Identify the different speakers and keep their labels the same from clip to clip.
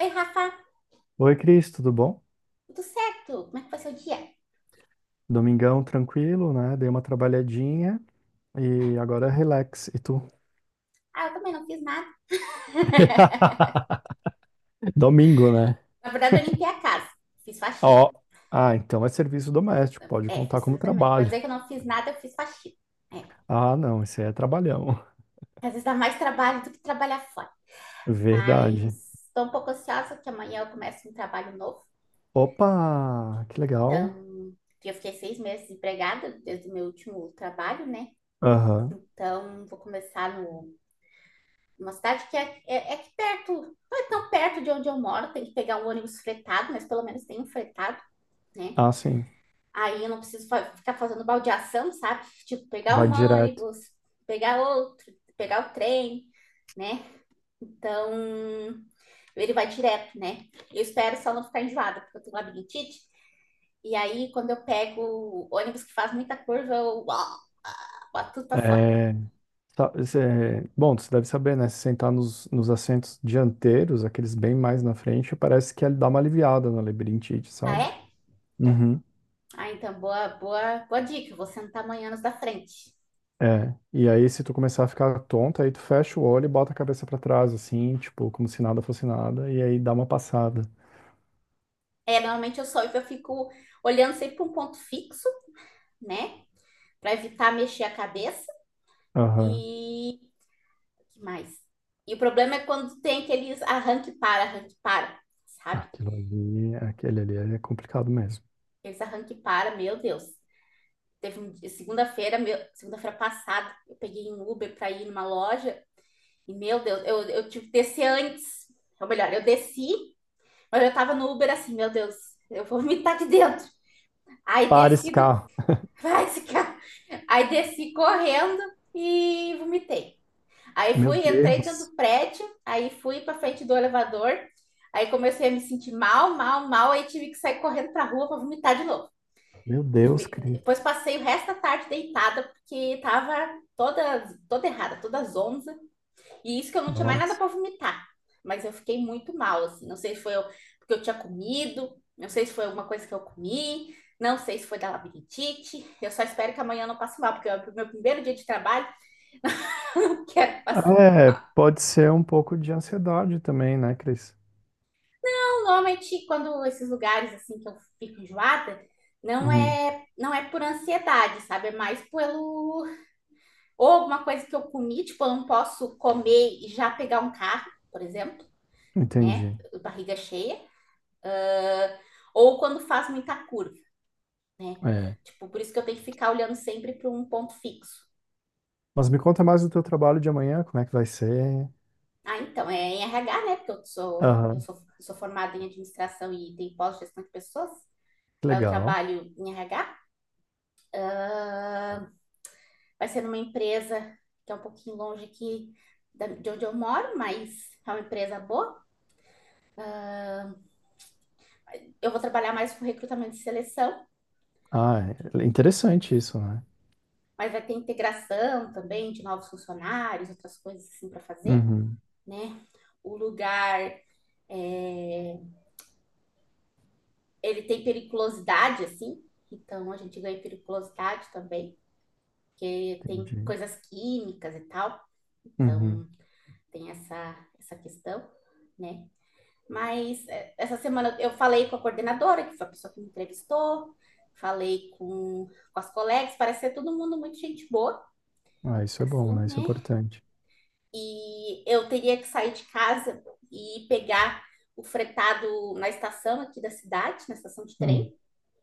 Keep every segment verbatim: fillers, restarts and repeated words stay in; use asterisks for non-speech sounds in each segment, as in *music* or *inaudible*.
Speaker 1: Oi, Rafa,
Speaker 2: Oi, Cris, tudo bom?
Speaker 1: tudo certo? Como é que foi seu dia?
Speaker 2: Domingão tranquilo, né? Dei uma trabalhadinha e agora relax. E tu?
Speaker 1: Ah, eu também não fiz nada. *laughs*
Speaker 2: *laughs* Domingo, né?
Speaker 1: Na verdade, eu limpei a casa, fiz faxina.
Speaker 2: Ó, ah, então é serviço doméstico, pode
Speaker 1: É,
Speaker 2: contar
Speaker 1: fiz
Speaker 2: como
Speaker 1: também. Pra
Speaker 2: trabalho.
Speaker 1: dizer que eu não fiz nada, eu fiz faxina. É,
Speaker 2: Ah, não, isso aí é trabalhão.
Speaker 1: às vezes dá mais trabalho do que trabalhar fora.
Speaker 2: Verdade.
Speaker 1: Mas tô um pouco ansiosa que amanhã eu começo um trabalho novo.
Speaker 2: Opa, que legal.
Speaker 1: Então, eu fiquei seis meses desempregada desde o meu último trabalho, né?
Speaker 2: Aham.
Speaker 1: Então, vou começar no, numa cidade que é, é, é aqui perto, não é tão perto de onde eu moro, tem que pegar um ônibus fretado, mas pelo menos tem um fretado, né?
Speaker 2: Ah, sim,
Speaker 1: Aí eu não preciso fa- ficar fazendo baldeação, sabe? Tipo, pegar
Speaker 2: vai
Speaker 1: um
Speaker 2: direto.
Speaker 1: ônibus, pegar outro, pegar o trem, né? Então, ele vai direto, né? Eu espero só não ficar enjoada, porque eu tenho labirintite. E aí, quando eu pego o ônibus que faz muita curva, eu uau, boto tudo pra fora.
Speaker 2: É, sa- cê- bom, você deve saber, né? Se sentar nos, nos assentos dianteiros, aqueles bem mais na frente, parece que ele dá uma aliviada na labirintite,
Speaker 1: Ah,
Speaker 2: sabe?
Speaker 1: é?
Speaker 2: Uhum.
Speaker 1: Ah, então, boa, boa, boa dica. Você não tá amanhã nos da frente.
Speaker 2: É, e aí se tu começar a ficar tonta, aí tu fecha o olho e bota a cabeça pra trás, assim, tipo, como se nada fosse nada, e aí dá uma passada.
Speaker 1: É, normalmente eu só eu fico olhando sempre para um ponto fixo, né? Para evitar mexer a cabeça.
Speaker 2: Aham.
Speaker 1: E que mais? E o problema é quando tem aqueles arranque para, arranque para, sabe?
Speaker 2: Aquilo ali, aquele ali é complicado mesmo.
Speaker 1: Aqueles arranque para, meu Deus. Teve um dia- segunda-feira, meu- segunda-feira passada, eu peguei um Uber para ir numa loja e, meu Deus, eu, eu tive que descer antes. Ou melhor, eu desci, mas eu tava no Uber assim, meu Deus, eu vou vomitar aqui dentro. Aí
Speaker 2: Para esse
Speaker 1: desci do... *laughs*
Speaker 2: carro.
Speaker 1: Vai, esse cara. Aí desci correndo e vomitei. Aí
Speaker 2: Meu
Speaker 1: fui, entrei dentro
Speaker 2: Deus.
Speaker 1: do prédio, aí fui para frente do elevador, aí comecei a me sentir mal, mal, mal, aí tive que sair correndo para rua para vomitar de novo.
Speaker 2: Meu Deus, Cris.
Speaker 1: Depois passei o resto da tarde deitada porque tava toda toda errada, toda zonza, e isso que eu não tinha mais nada
Speaker 2: Nossa.
Speaker 1: para vomitar. Mas eu fiquei muito mal, assim, não sei se foi eu, porque eu tinha comido, não sei se foi alguma coisa que eu comi, não sei se foi da labirintite. Eu só espero que amanhã eu não passe mal, porque é o meu primeiro dia de trabalho, *laughs* não quero passar
Speaker 2: É,
Speaker 1: mal.
Speaker 2: pode ser um pouco de ansiedade também, né, Cris?
Speaker 1: Normalmente, quando esses lugares assim que eu fico enjoada, não
Speaker 2: Uhum.
Speaker 1: é, não é por ansiedade, sabe? É mais pelo ou alguma coisa que eu comi. Tipo, eu não posso comer e já pegar um carro, por exemplo, né?
Speaker 2: Entendi.
Speaker 1: Barriga cheia. Ah, ou quando faz muita curva, né?
Speaker 2: É.
Speaker 1: Tipo, por isso que eu tenho que ficar olhando sempre para um ponto fixo.
Speaker 2: Mas me conta mais do teu trabalho de amanhã, como é que vai ser?
Speaker 1: Ah, então, é em R H, né? Porque eu sou, eu
Speaker 2: Aham.
Speaker 1: sou, eu sou formada em administração e tenho pós-gestão de pessoas. Eu
Speaker 2: Legal.
Speaker 1: trabalho em R H. Ah, vai ser numa empresa que é um pouquinho longe aqui de onde eu moro, mas é uma empresa boa. Eu vou trabalhar mais com recrutamento e seleção,
Speaker 2: Ah, é interessante isso, né?
Speaker 1: mas vai ter integração também de novos funcionários, outras coisas assim para fazer,
Speaker 2: Uhum.
Speaker 1: né? O lugar, é, ele tem periculosidade, assim, então a gente ganha periculosidade também. E tem
Speaker 2: Entendi.
Speaker 1: coisas químicas e tal,
Speaker 2: Uhum.
Speaker 1: então tem essa, essa questão, né? Mas é, essa semana eu falei com a coordenadora, que foi a pessoa que me entrevistou, falei com, com as colegas, parece ser todo mundo muito gente boa,
Speaker 2: Ah, isso é bom,
Speaker 1: assim,
Speaker 2: né? Isso é
Speaker 1: né?
Speaker 2: importante.
Speaker 1: E eu teria que sair de casa e pegar o fretado na estação aqui da cidade, na estação de trem,
Speaker 2: Hum,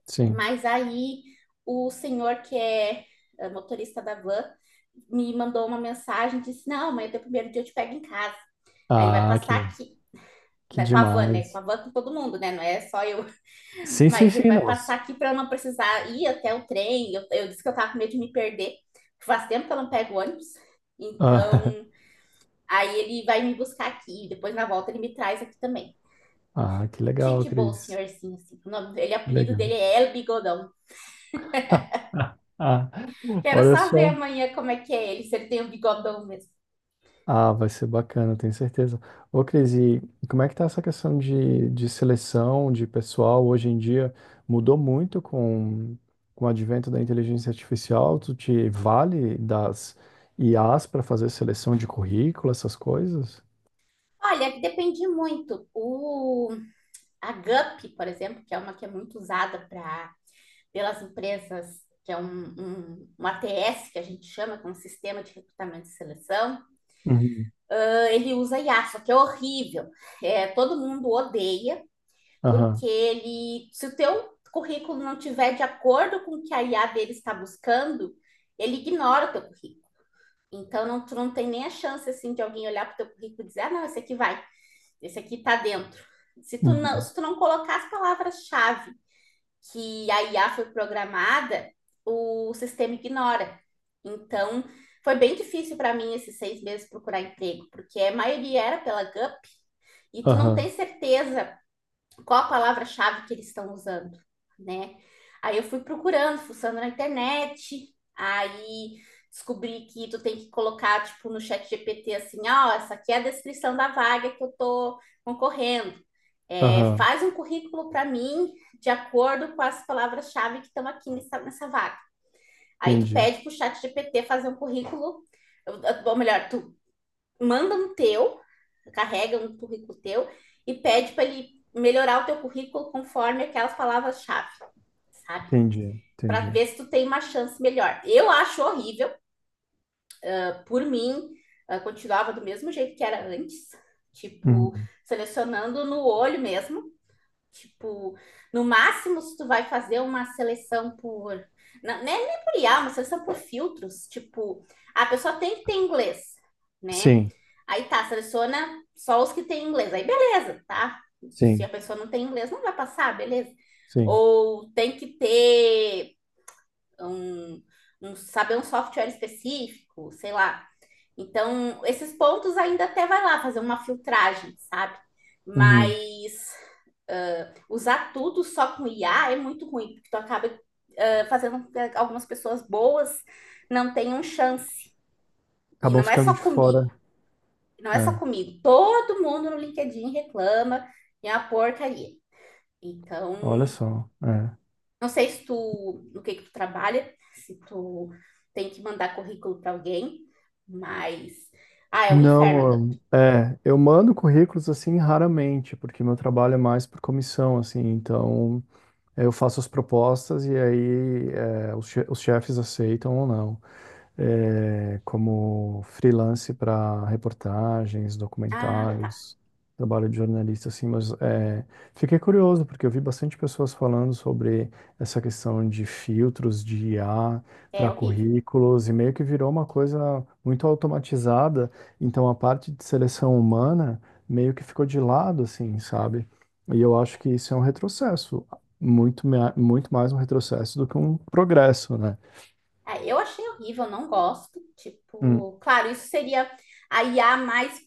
Speaker 2: sim.
Speaker 1: mas aí o senhor que é é motorista da van me mandou uma mensagem, disse, não, amanhã é teu primeiro dia, eu te pego em casa. Aí ele vai
Speaker 2: Ah,
Speaker 1: passar
Speaker 2: que,
Speaker 1: aqui,
Speaker 2: que
Speaker 1: né, com a van, né? Com a
Speaker 2: demais.
Speaker 1: van com todo mundo, né? Não é só eu.
Speaker 2: Sim, sim,
Speaker 1: Mas ele
Speaker 2: sim,
Speaker 1: vai passar
Speaker 2: nossa.
Speaker 1: aqui para eu não precisar ir até o trem. Eu, eu disse que eu tava com medo de me perder. Faz tempo que eu não pego ônibus.
Speaker 2: Ah,
Speaker 1: Então, aí ele vai me buscar aqui. Depois, na volta, ele me traz aqui também.
Speaker 2: *laughs* ah, que
Speaker 1: Muito
Speaker 2: legal,
Speaker 1: gente boa, o
Speaker 2: Cris.
Speaker 1: senhorzinho, assim. O nome dele, o
Speaker 2: Que
Speaker 1: apelido
Speaker 2: legal.
Speaker 1: dele é El Bigodão.
Speaker 2: *laughs* Ah,
Speaker 1: Quero
Speaker 2: olha
Speaker 1: só ver
Speaker 2: só.
Speaker 1: amanhã como é que é ele, se ele tem um bigodão mesmo.
Speaker 2: Ah, vai ser bacana, tenho certeza. Ô, Cris, e como é que tá essa questão de, de seleção de pessoal hoje em dia? Mudou muito com, com o advento da inteligência artificial? Tu te vale das I As para fazer seleção de currículo, essas coisas?
Speaker 1: Olha, depende muito. O, a Gup, por exemplo, que é uma que é muito usada para pelas empresas, que é um, um, um A T S, que a gente chama, que é um sistema de recrutamento e seleção,
Speaker 2: Uhum.
Speaker 1: ah, ele usa I A, só que é horrível. É, todo mundo odeia, porque
Speaker 2: Aham.
Speaker 1: ele, se o teu currículo não tiver de acordo com o que a I A dele está buscando, ele ignora o teu currículo. Então, não, tu não tem nem a chance, assim, de alguém olhar para o teu currículo e dizer, ah, não, esse aqui vai, esse aqui está dentro. Se tu não,
Speaker 2: Uhum.
Speaker 1: se tu não colocar as palavras-chave que a I A foi programada, o sistema ignora. Então, foi bem difícil para mim esses seis meses procurar emprego, porque a maioria era pela gup e tu não tem
Speaker 2: Aham.
Speaker 1: certeza qual a palavra-chave que eles estão usando, né? Aí eu fui procurando, fuçando na internet, aí descobri que tu tem que colocar, tipo, no chat G P T assim, ó, oh, essa aqui é a descrição da vaga que eu tô concorrendo. É,
Speaker 2: Aham.
Speaker 1: faz um currículo para mim de acordo com as palavras-chave que estão aqui nessa, nessa vaga. Aí tu
Speaker 2: Entendi.
Speaker 1: pede pro chat G P T fazer um currículo, ou melhor, tu manda um teu, carrega um currículo teu e pede para ele melhorar o teu currículo conforme aquelas palavras-chave, sabe?
Speaker 2: Entendi.
Speaker 1: Para
Speaker 2: Entendi.
Speaker 1: ver se tu tem uma chance melhor. Eu acho horrível. Ah, por mim, ah, continuava do mesmo jeito que era antes, tipo,
Speaker 2: Uhum.
Speaker 1: selecionando no olho mesmo. Tipo, no máximo, se tu vai fazer uma seleção por... Não, nem, nem por I A, uma seleção por filtros. Tipo, a pessoa tem que ter inglês, né?
Speaker 2: Sim.
Speaker 1: Aí tá, seleciona só os que têm inglês. Aí beleza, tá? Se a
Speaker 2: Sim.
Speaker 1: pessoa não tem inglês, não vai passar, beleza.
Speaker 2: Sim.
Speaker 1: Ou tem que ter um, um saber um software específico, sei lá. Então, esses pontos ainda até vai lá fazer uma filtragem, sabe?
Speaker 2: Uhum.
Speaker 1: Mas usar tudo só com I A é muito ruim, porque tu acaba uh, fazendo com que algumas pessoas boas não tenham chance. E
Speaker 2: Acabam
Speaker 1: não é
Speaker 2: ficando
Speaker 1: só
Speaker 2: de fora.
Speaker 1: comigo, não é só
Speaker 2: É.
Speaker 1: comigo. Todo mundo no LinkedIn reclama e é uma porcaria. Então,
Speaker 2: Olha só. É.
Speaker 1: não sei se tu, no que que tu trabalha, se tu tem que mandar currículo para alguém, mas ah, é um inferno. Agora.
Speaker 2: Não, é, eu mando currículos assim raramente, porque meu trabalho é mais por comissão, assim, então eu faço as propostas e aí é, os che- os chefes aceitam ou não. É, como freelance para reportagens,
Speaker 1: Ah, tá.
Speaker 2: documentários, trabalho de jornalista, assim, mas é, fiquei curioso, porque eu vi bastante pessoas falando sobre essa questão de filtros de I A
Speaker 1: É
Speaker 2: para
Speaker 1: horrível.
Speaker 2: currículos, e meio que virou uma coisa muito automatizada, então a parte de seleção humana meio que ficou de lado, assim, sabe? E eu acho que isso é um retrocesso, muito, mea- muito mais um retrocesso do que um progresso, né?
Speaker 1: Ah, eu achei horrível, não gosto.
Speaker 2: Hum,
Speaker 1: Tipo, claro, isso seria a I A mais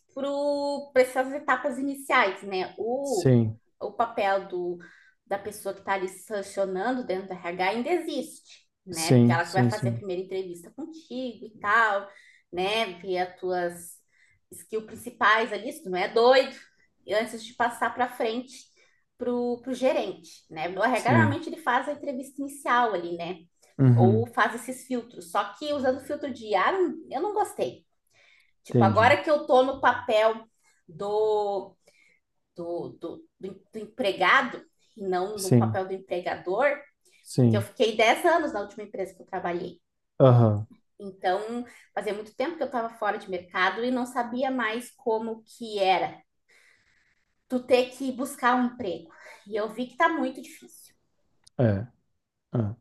Speaker 1: para essas etapas iniciais, né? O,
Speaker 2: sim.
Speaker 1: o papel do, da pessoa que está ali sancionando dentro do R H ainda existe, né? Porque
Speaker 2: Sim,
Speaker 1: ela que vai
Speaker 2: sim,
Speaker 1: fazer a
Speaker 2: sim.
Speaker 1: primeira entrevista contigo e tal, né? Ver as tuas skills principais ali, se tu não é doido, e antes de passar para frente pro, pro gerente, né? O R H
Speaker 2: Sim.
Speaker 1: normalmente ele faz a entrevista inicial ali, né? Ou
Speaker 2: Uhum.
Speaker 1: faz esses filtros. Só que usando filtro de ar, eu não gostei. Tipo,
Speaker 2: Entendi.
Speaker 1: agora que eu tô no papel do, do, do, do, do empregado, e não no
Speaker 2: Sim,
Speaker 1: papel do empregador, porque eu
Speaker 2: sim.
Speaker 1: fiquei dez anos na última empresa que eu trabalhei.
Speaker 2: Aham.
Speaker 1: Então, fazia muito tempo que eu estava fora de mercado e não sabia mais como que era tu ter que buscar um emprego. E eu vi que tá muito difícil.
Speaker 2: É. É.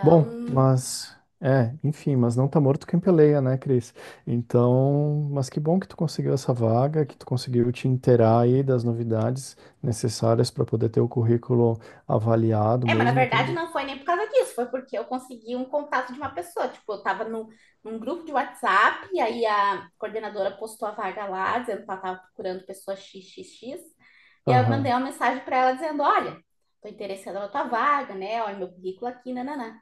Speaker 2: Bom, mas. É, enfim, mas não tá morto quem peleia, né, Cris? Então, mas que bom que tu conseguiu essa vaga, que tu conseguiu te inteirar aí das novidades necessárias para poder ter o currículo avaliado
Speaker 1: é, mas na
Speaker 2: mesmo,
Speaker 1: verdade
Speaker 2: tendo.
Speaker 1: não foi nem por causa disso, foi porque eu consegui um contato de uma pessoa. Tipo, eu tava no, num grupo de WhatsApp, e aí a coordenadora postou a vaga lá, dizendo que ela tava procurando pessoa XXX, e aí eu mandei
Speaker 2: Aham.
Speaker 1: uma mensagem para ela dizendo: Olha, tô interessada na tua vaga, né? Olha meu currículo aqui, nananã.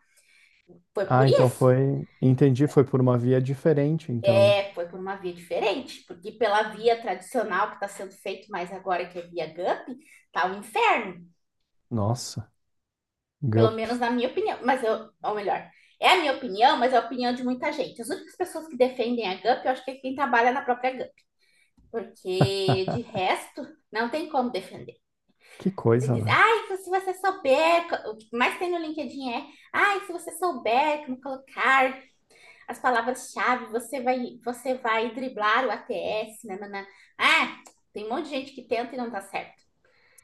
Speaker 1: Foi
Speaker 2: Ah,
Speaker 1: por
Speaker 2: então
Speaker 1: isso.
Speaker 2: foi. Entendi, foi por uma via diferente, então.
Speaker 1: É, foi por uma via diferente, porque pela via tradicional que está sendo feito mais agora, que é via gupe, tá um inferno.
Speaker 2: Nossa,
Speaker 1: Pelo menos
Speaker 2: GUP.
Speaker 1: na minha opinião, mas eu, ou melhor, é a minha opinião, mas é a opinião de muita gente. As únicas pessoas que defendem a gup, eu acho que é quem trabalha na própria gupe, porque de resto, não tem como defender.
Speaker 2: Que
Speaker 1: Você
Speaker 2: coisa,
Speaker 1: diz,
Speaker 2: né?
Speaker 1: ai, se você souber, o que mais tem no LinkedIn é, ai, se você souber como colocar as palavras-chave, você vai, você vai driblar o A T S, nanana. Ah, tem um monte de gente que tenta e não dá certo.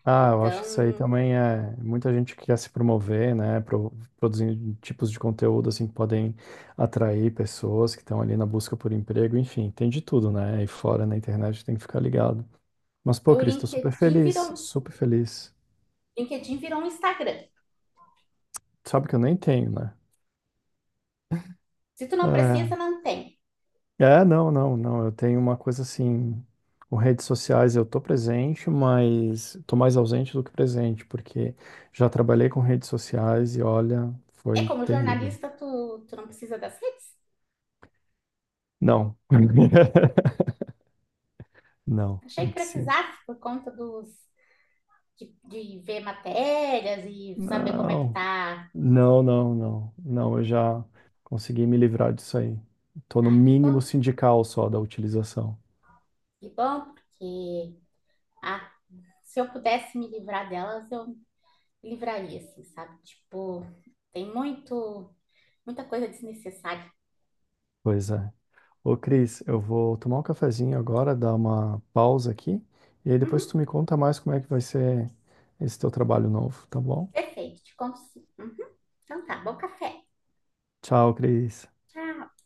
Speaker 2: Ah, eu acho
Speaker 1: Então,
Speaker 2: que isso aí também é muita gente que quer se promover, né? pro- produzindo tipos de conteúdo assim que podem atrair pessoas que estão ali na busca por emprego, enfim, tem de tudo, né? Aí fora na internet tem que ficar ligado. Mas, pô,
Speaker 1: o
Speaker 2: Cris, tô super
Speaker 1: LinkedIn
Speaker 2: feliz,
Speaker 1: virou,
Speaker 2: super feliz.
Speaker 1: LinkedIn virou um Instagram.
Speaker 2: Sabe que eu nem tenho, né?
Speaker 1: Se tu não precisa, não tem.
Speaker 2: É, é, não, não, não. Eu tenho uma coisa assim, com redes sociais eu tô presente, mas tô mais ausente do que presente, porque já trabalhei com redes sociais e olha,
Speaker 1: É
Speaker 2: foi
Speaker 1: como
Speaker 2: terrível.
Speaker 1: jornalista, tu, tu não precisa das redes?
Speaker 2: Não. *laughs* Não,
Speaker 1: Achei
Speaker 2: não
Speaker 1: que
Speaker 2: preciso.
Speaker 1: precisasse por conta dos de, de ver matérias e saber como é que
Speaker 2: Não,
Speaker 1: tá.
Speaker 2: não, não, não. Não, eu já consegui me livrar disso aí. Tô no
Speaker 1: Ah, que bom,
Speaker 2: mínimo sindical só da utilização.
Speaker 1: que bom, porque ah, se eu pudesse me livrar delas, eu me livraria, assim, sabe? Tipo, tem muito, muita coisa desnecessária.
Speaker 2: Pois é. Ô, Cris, eu vou tomar um cafezinho agora, dar uma pausa aqui, e aí
Speaker 1: Uhum,
Speaker 2: depois tu me conta mais como é que vai ser esse teu trabalho novo, tá bom?
Speaker 1: perfeito, te consigo. Uhum, então tá, bom café.
Speaker 2: Tchau, Cris.
Speaker 1: Tchau.